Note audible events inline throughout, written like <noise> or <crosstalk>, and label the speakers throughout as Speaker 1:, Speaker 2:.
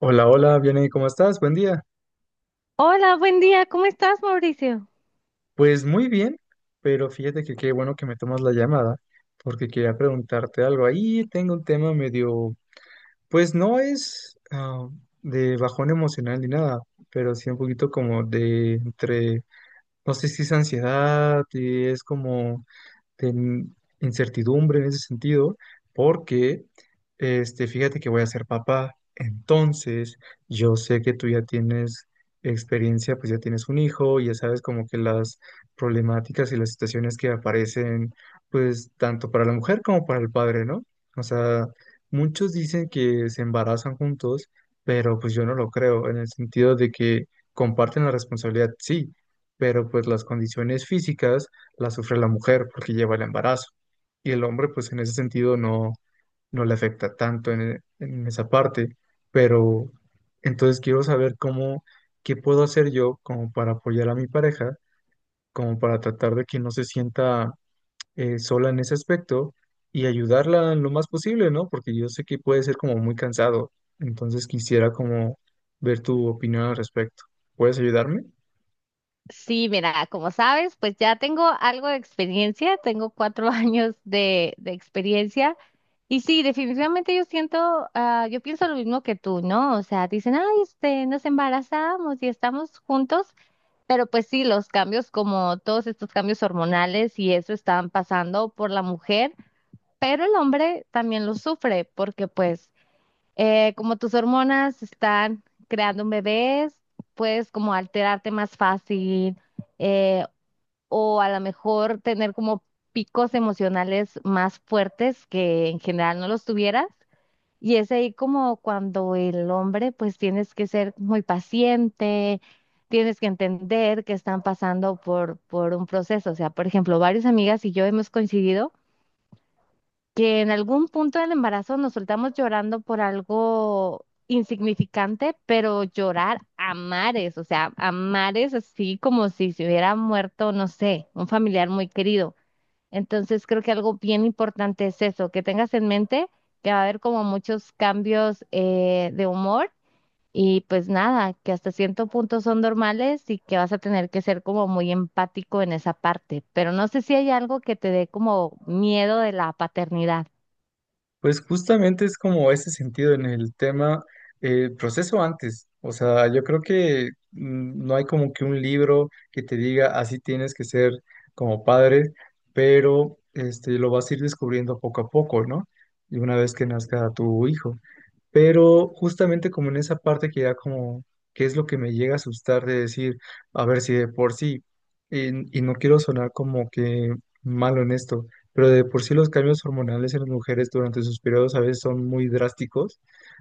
Speaker 1: Hola, hola, bien, ¿y cómo estás? Buen día.
Speaker 2: Hola, buen día. ¿Cómo estás, Mauricio?
Speaker 1: Pues muy bien, pero fíjate que qué bueno que me tomas la llamada, porque quería preguntarte algo. Ahí tengo un tema medio, pues no es de bajón emocional ni nada, pero sí un poquito como de entre, no sé si es ansiedad y es como de incertidumbre en ese sentido, porque fíjate que voy a ser papá. Entonces, yo sé que tú ya tienes experiencia, pues ya tienes un hijo, ya sabes como que las problemáticas y las situaciones que aparecen, pues tanto para la mujer como para el padre, ¿no? O sea, muchos dicen que se embarazan juntos, pero pues yo no lo creo, en el sentido de que comparten la responsabilidad, sí, pero pues las condiciones físicas la sufre la mujer porque lleva el embarazo. Y el hombre, pues en ese sentido no, no le afecta tanto en esa parte. Pero entonces quiero saber cómo, qué puedo hacer yo como para apoyar a mi pareja, como para tratar de que no se sienta sola en ese aspecto y ayudarla en lo más posible, ¿no? Porque yo sé que puede ser como muy cansado. Entonces quisiera como ver tu opinión al respecto. ¿Puedes ayudarme?
Speaker 2: Sí, mira, como sabes, pues ya tengo algo de experiencia, tengo 4 <laughs> años de experiencia y sí, definitivamente yo siento, yo pienso lo mismo que tú, ¿no? O sea, dicen, ay, nos embarazamos y estamos juntos, pero pues sí, los cambios como todos estos cambios hormonales y eso están pasando por la mujer, pero el hombre también lo sufre porque pues como tus hormonas están creando un bebé, puedes como alterarte más fácil, eh, o a lo mejor tener como picos emocionales más fuertes que en general no los tuvieras. Y es ahí como cuando el hombre pues tienes que ser muy paciente, tienes que entender que están pasando por un proceso. O sea, por ejemplo, varias amigas y yo hemos coincidido que en algún punto del embarazo nos soltamos llorando por algo insignificante, pero llorar a mares, o sea, a mares así como si se hubiera muerto, no sé, un familiar muy querido. Entonces creo que algo bien importante es eso, que tengas en mente que va a haber como muchos cambios de humor y pues nada, que hasta cierto punto son normales y que vas a tener que ser como muy empático en esa parte, pero no sé si hay algo que te dé como miedo de la paternidad.
Speaker 1: Pues justamente es como ese sentido en el tema proceso antes. O sea, yo creo que no hay como que un libro que te diga así tienes que ser como padre, pero lo vas a ir descubriendo poco a poco, ¿no? Y una vez que nazca tu hijo. Pero justamente como en esa parte que ya como, ¿qué es lo que me llega a asustar de decir, a ver si de por sí, y no quiero sonar como que malo en esto, pero de por sí los cambios hormonales en las mujeres durante sus periodos a veces son muy drásticos,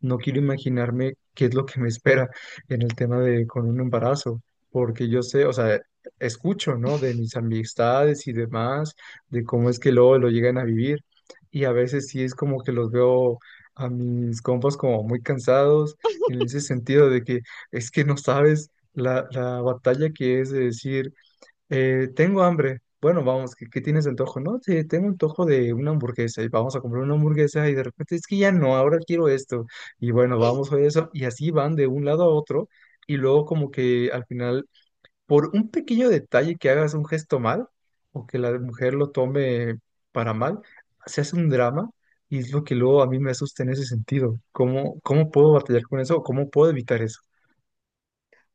Speaker 1: no quiero imaginarme qué es lo que me espera en el tema de con un embarazo, porque yo sé, o sea, escucho, ¿no? De mis amistades y demás, de cómo es que luego lo llegan a vivir. Y a veces sí es como que los veo a mis compas como muy cansados en ese sentido de que es que no sabes la batalla que es de decir, tengo hambre. Bueno, vamos, qué tienes de antojo? No, sí, tengo antojo de una hamburguesa y vamos a comprar una hamburguesa y de repente es que ya no, ahora quiero esto. Y bueno, vamos a eso y así van de un lado a otro y luego como que al final por un pequeño detalle que hagas un gesto mal o que la mujer lo tome para mal, se hace un drama y es lo que luego a mí me asusta en ese sentido. ¿Cómo puedo batallar con eso o cómo puedo evitar eso?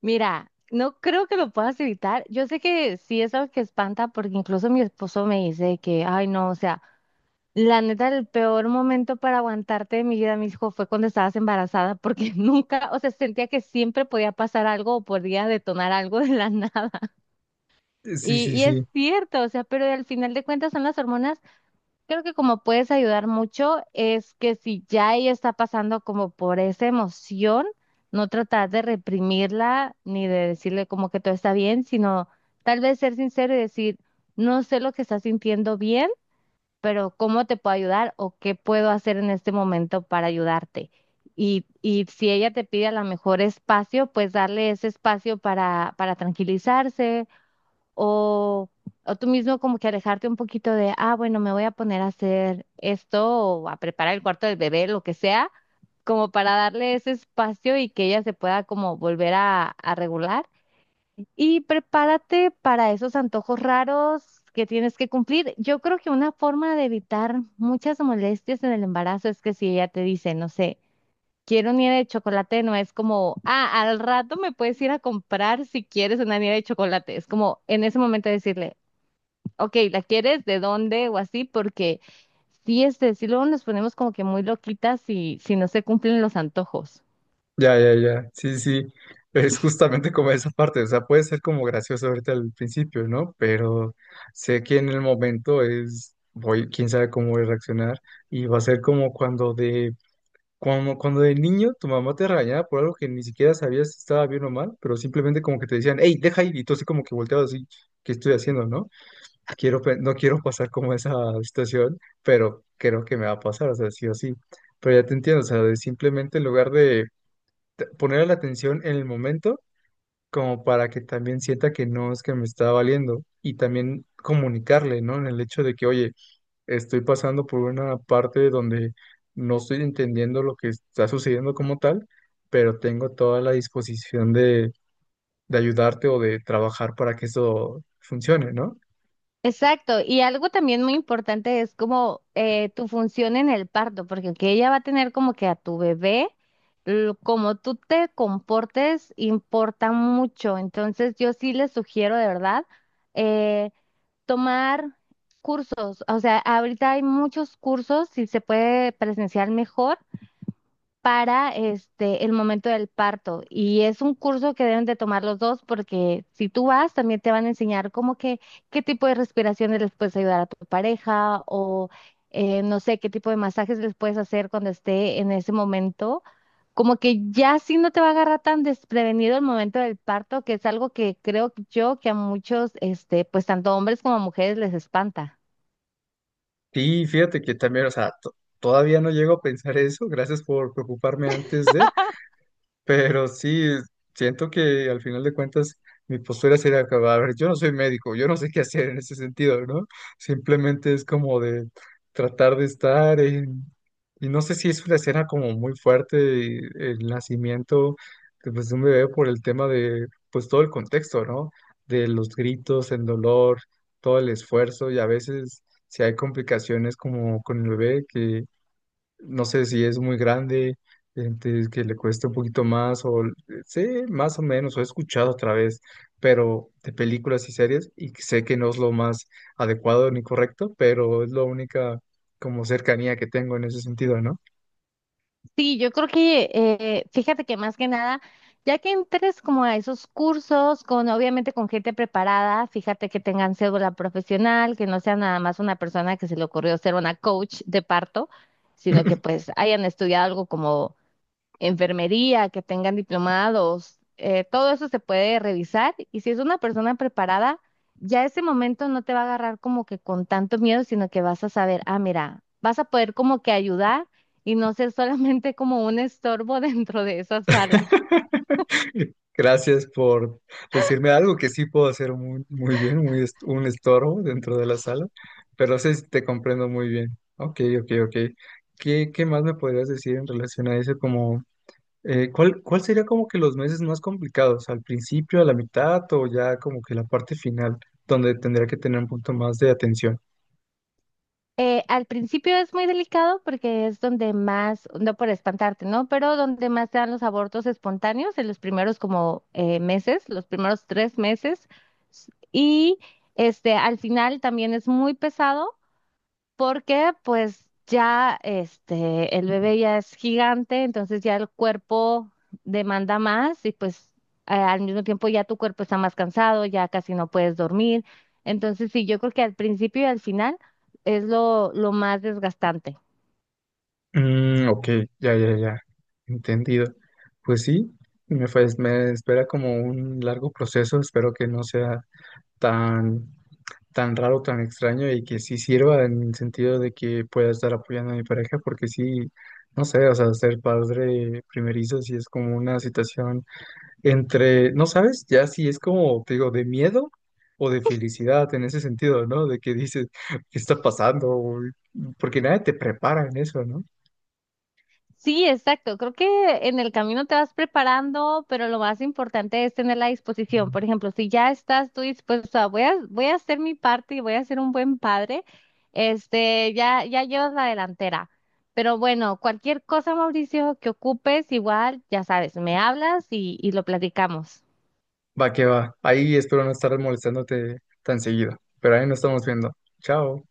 Speaker 2: Mira, no creo que lo puedas evitar. Yo sé que sí es algo que espanta porque incluso mi esposo me dice que, ay, no, o sea, la neta, el peor momento para aguantarte de mi vida, mi hijo, fue cuando estabas embarazada porque <laughs> nunca, o sea, sentía que siempre podía pasar algo o podía detonar algo de la <laughs> nada.
Speaker 1: Sí,
Speaker 2: Y,
Speaker 1: sí,
Speaker 2: y es
Speaker 1: sí,
Speaker 2: cierto, o sea, pero al final de cuentas son las hormonas. Creo que como puedes ayudar mucho es que si ya ella está pasando como por esa emoción, no tratar de reprimirla ni de decirle como que todo está bien, sino tal vez ser sincero y decir, no sé lo que estás sintiendo bien, pero ¿cómo te puedo ayudar o qué puedo hacer en este momento para ayudarte? Y si ella te pide a lo mejor espacio, pues darle ese espacio para tranquilizarse o, o tú mismo como que alejarte un poquito de, ah, bueno, me voy a poner a hacer esto o a preparar el cuarto del bebé, lo que sea, como para darle ese espacio y que ella se pueda como volver a regular. Y prepárate para esos antojos raros que tienes que cumplir. Yo creo que una forma de evitar muchas molestias en el embarazo es que si ella te dice, no sé, quiero nieve de chocolate, no es como, ah, al rato me puedes ir a comprar si quieres una nieve de chocolate. Es como en ese momento decirle, ok, ¿la quieres? ¿De dónde? O así, porque sí, sí luego nos ponemos como que muy loquitas si, si no se cumplen los antojos.
Speaker 1: ya, ya, ya, sí, sí, <laughs> es justamente como esa parte, o sea, puede ser como gracioso ahorita al principio, ¿no? Pero sé que en el momento es, voy, quién sabe cómo voy a reaccionar y va a ser como cuando de como cuando de niño tu mamá te regañaba por algo que ni siquiera sabías si estaba bien o mal, pero simplemente como que te decían, hey, deja ir, y tú así como que volteabas así, ¿qué estoy haciendo, no? No quiero pasar como esa situación, pero creo que me va a pasar, o sea, sí o sí. Pero ya te entiendo, o sea, de simplemente en lugar de poner la atención en el momento, como para que también sienta que no es que me está valiendo, y también comunicarle, ¿no? En el hecho de que, oye, estoy pasando por una parte donde no estoy entendiendo lo que está sucediendo como tal, pero tengo toda la disposición de ayudarte o de trabajar para que eso funcione, ¿no?
Speaker 2: Exacto, y algo también muy importante es como tu función en el parto, porque aunque ella va a tener como que a tu bebé, como tú te comportes importa mucho. Entonces yo sí les sugiero de verdad, eh, tomar cursos, o sea, ahorita hay muchos cursos, si se puede presenciar mejor, para este el momento del parto. Y es un curso que deben de tomar los dos porque si tú vas, también te van a enseñar como que qué tipo de respiraciones les puedes ayudar a tu pareja o, no sé qué tipo de masajes les puedes hacer cuando esté en ese momento. Como que ya sí no te va a agarrar tan desprevenido el momento del parto, que es algo que creo yo que a muchos, pues tanto hombres como mujeres les espanta.
Speaker 1: Y fíjate que también, o sea, todavía no llego a pensar eso, gracias por preocuparme antes de... Pero sí, siento que al final de cuentas mi postura sería acabar. A ver, yo no soy médico, yo no sé qué hacer en ese sentido, ¿no? Simplemente es como de tratar de estar en... Y no sé si es una escena como muy fuerte y el nacimiento de, pues, de un bebé por el tema de, pues todo el contexto, ¿no? De los gritos, el dolor, todo el esfuerzo y a veces si hay complicaciones como con el bebé que no sé si es muy grande, entonces que le cueste un poquito más, sé más o menos, o he escuchado otra vez, pero de películas y series, y que sé que no es lo más adecuado ni correcto, pero es la única como cercanía que tengo en ese sentido, ¿no?
Speaker 2: Sí, yo creo que, fíjate que más que nada, ya que entres como a esos cursos, con obviamente con gente preparada, fíjate que tengan cédula profesional, que no sea nada más una persona que se le ocurrió ser una coach de parto, sino que pues hayan estudiado algo como enfermería, que tengan diplomados, todo eso se puede revisar y si es una persona preparada, ya ese momento no te va a agarrar como que con tanto miedo, sino que vas a saber, ah, mira, vas a poder como que ayudar y no ser solamente como un estorbo <laughs> dentro de esa sala.
Speaker 1: <laughs> Gracias por decirme algo que sí puedo hacer muy, muy bien, un estorbo dentro de la sala, pero sí te comprendo muy bien. Ok, ok, ok. ¿Qué más me podrías decir en relación a eso? Cuál sería como que los meses más complicados? ¿Al principio, a la mitad o ya como que la parte final, donde tendría que tener un punto más de atención?
Speaker 2: Al principio es muy delicado porque es donde más, no por espantarte, ¿no? Pero donde más se dan los abortos espontáneos en los primeros como meses, los primeros 3 meses. S- Y al final también es muy pesado porque pues ya este el bebé ya es gigante, entonces ya el cuerpo demanda más y pues, al mismo tiempo ya tu cuerpo está más cansado, ya casi no puedes dormir. Entonces sí, yo creo que al principio y al final es lo más desgastante.
Speaker 1: Mm, ok, ya, ya, ya, entendido. Pues sí, me espera como un largo proceso, espero que no sea tan, tan raro, tan extraño y que sí sirva en el sentido de que pueda estar apoyando a mi pareja, porque sí, no sé, o sea, ser padre primerizo sí es como una situación entre, no sabes, ya si es como, te digo, de miedo o de felicidad en ese sentido, ¿no? De que dices, <laughs> ¿qué está pasando? O- Porque nadie te prepara en eso, ¿no?
Speaker 2: Sí, exacto. Creo que en el camino te vas preparando, pero lo más importante es tener la disposición. Por ejemplo, si ya estás tú dispuesto a voy a hacer mi parte y voy a ser un buen padre, ya, ya llevas la delantera. Pero bueno, cualquier cosa, Mauricio, que ocupes, igual, ya sabes, me hablas y lo platicamos.
Speaker 1: Va que va. Ahí espero no estar molestándote tan seguido, pero ahí nos estamos viendo. Chao.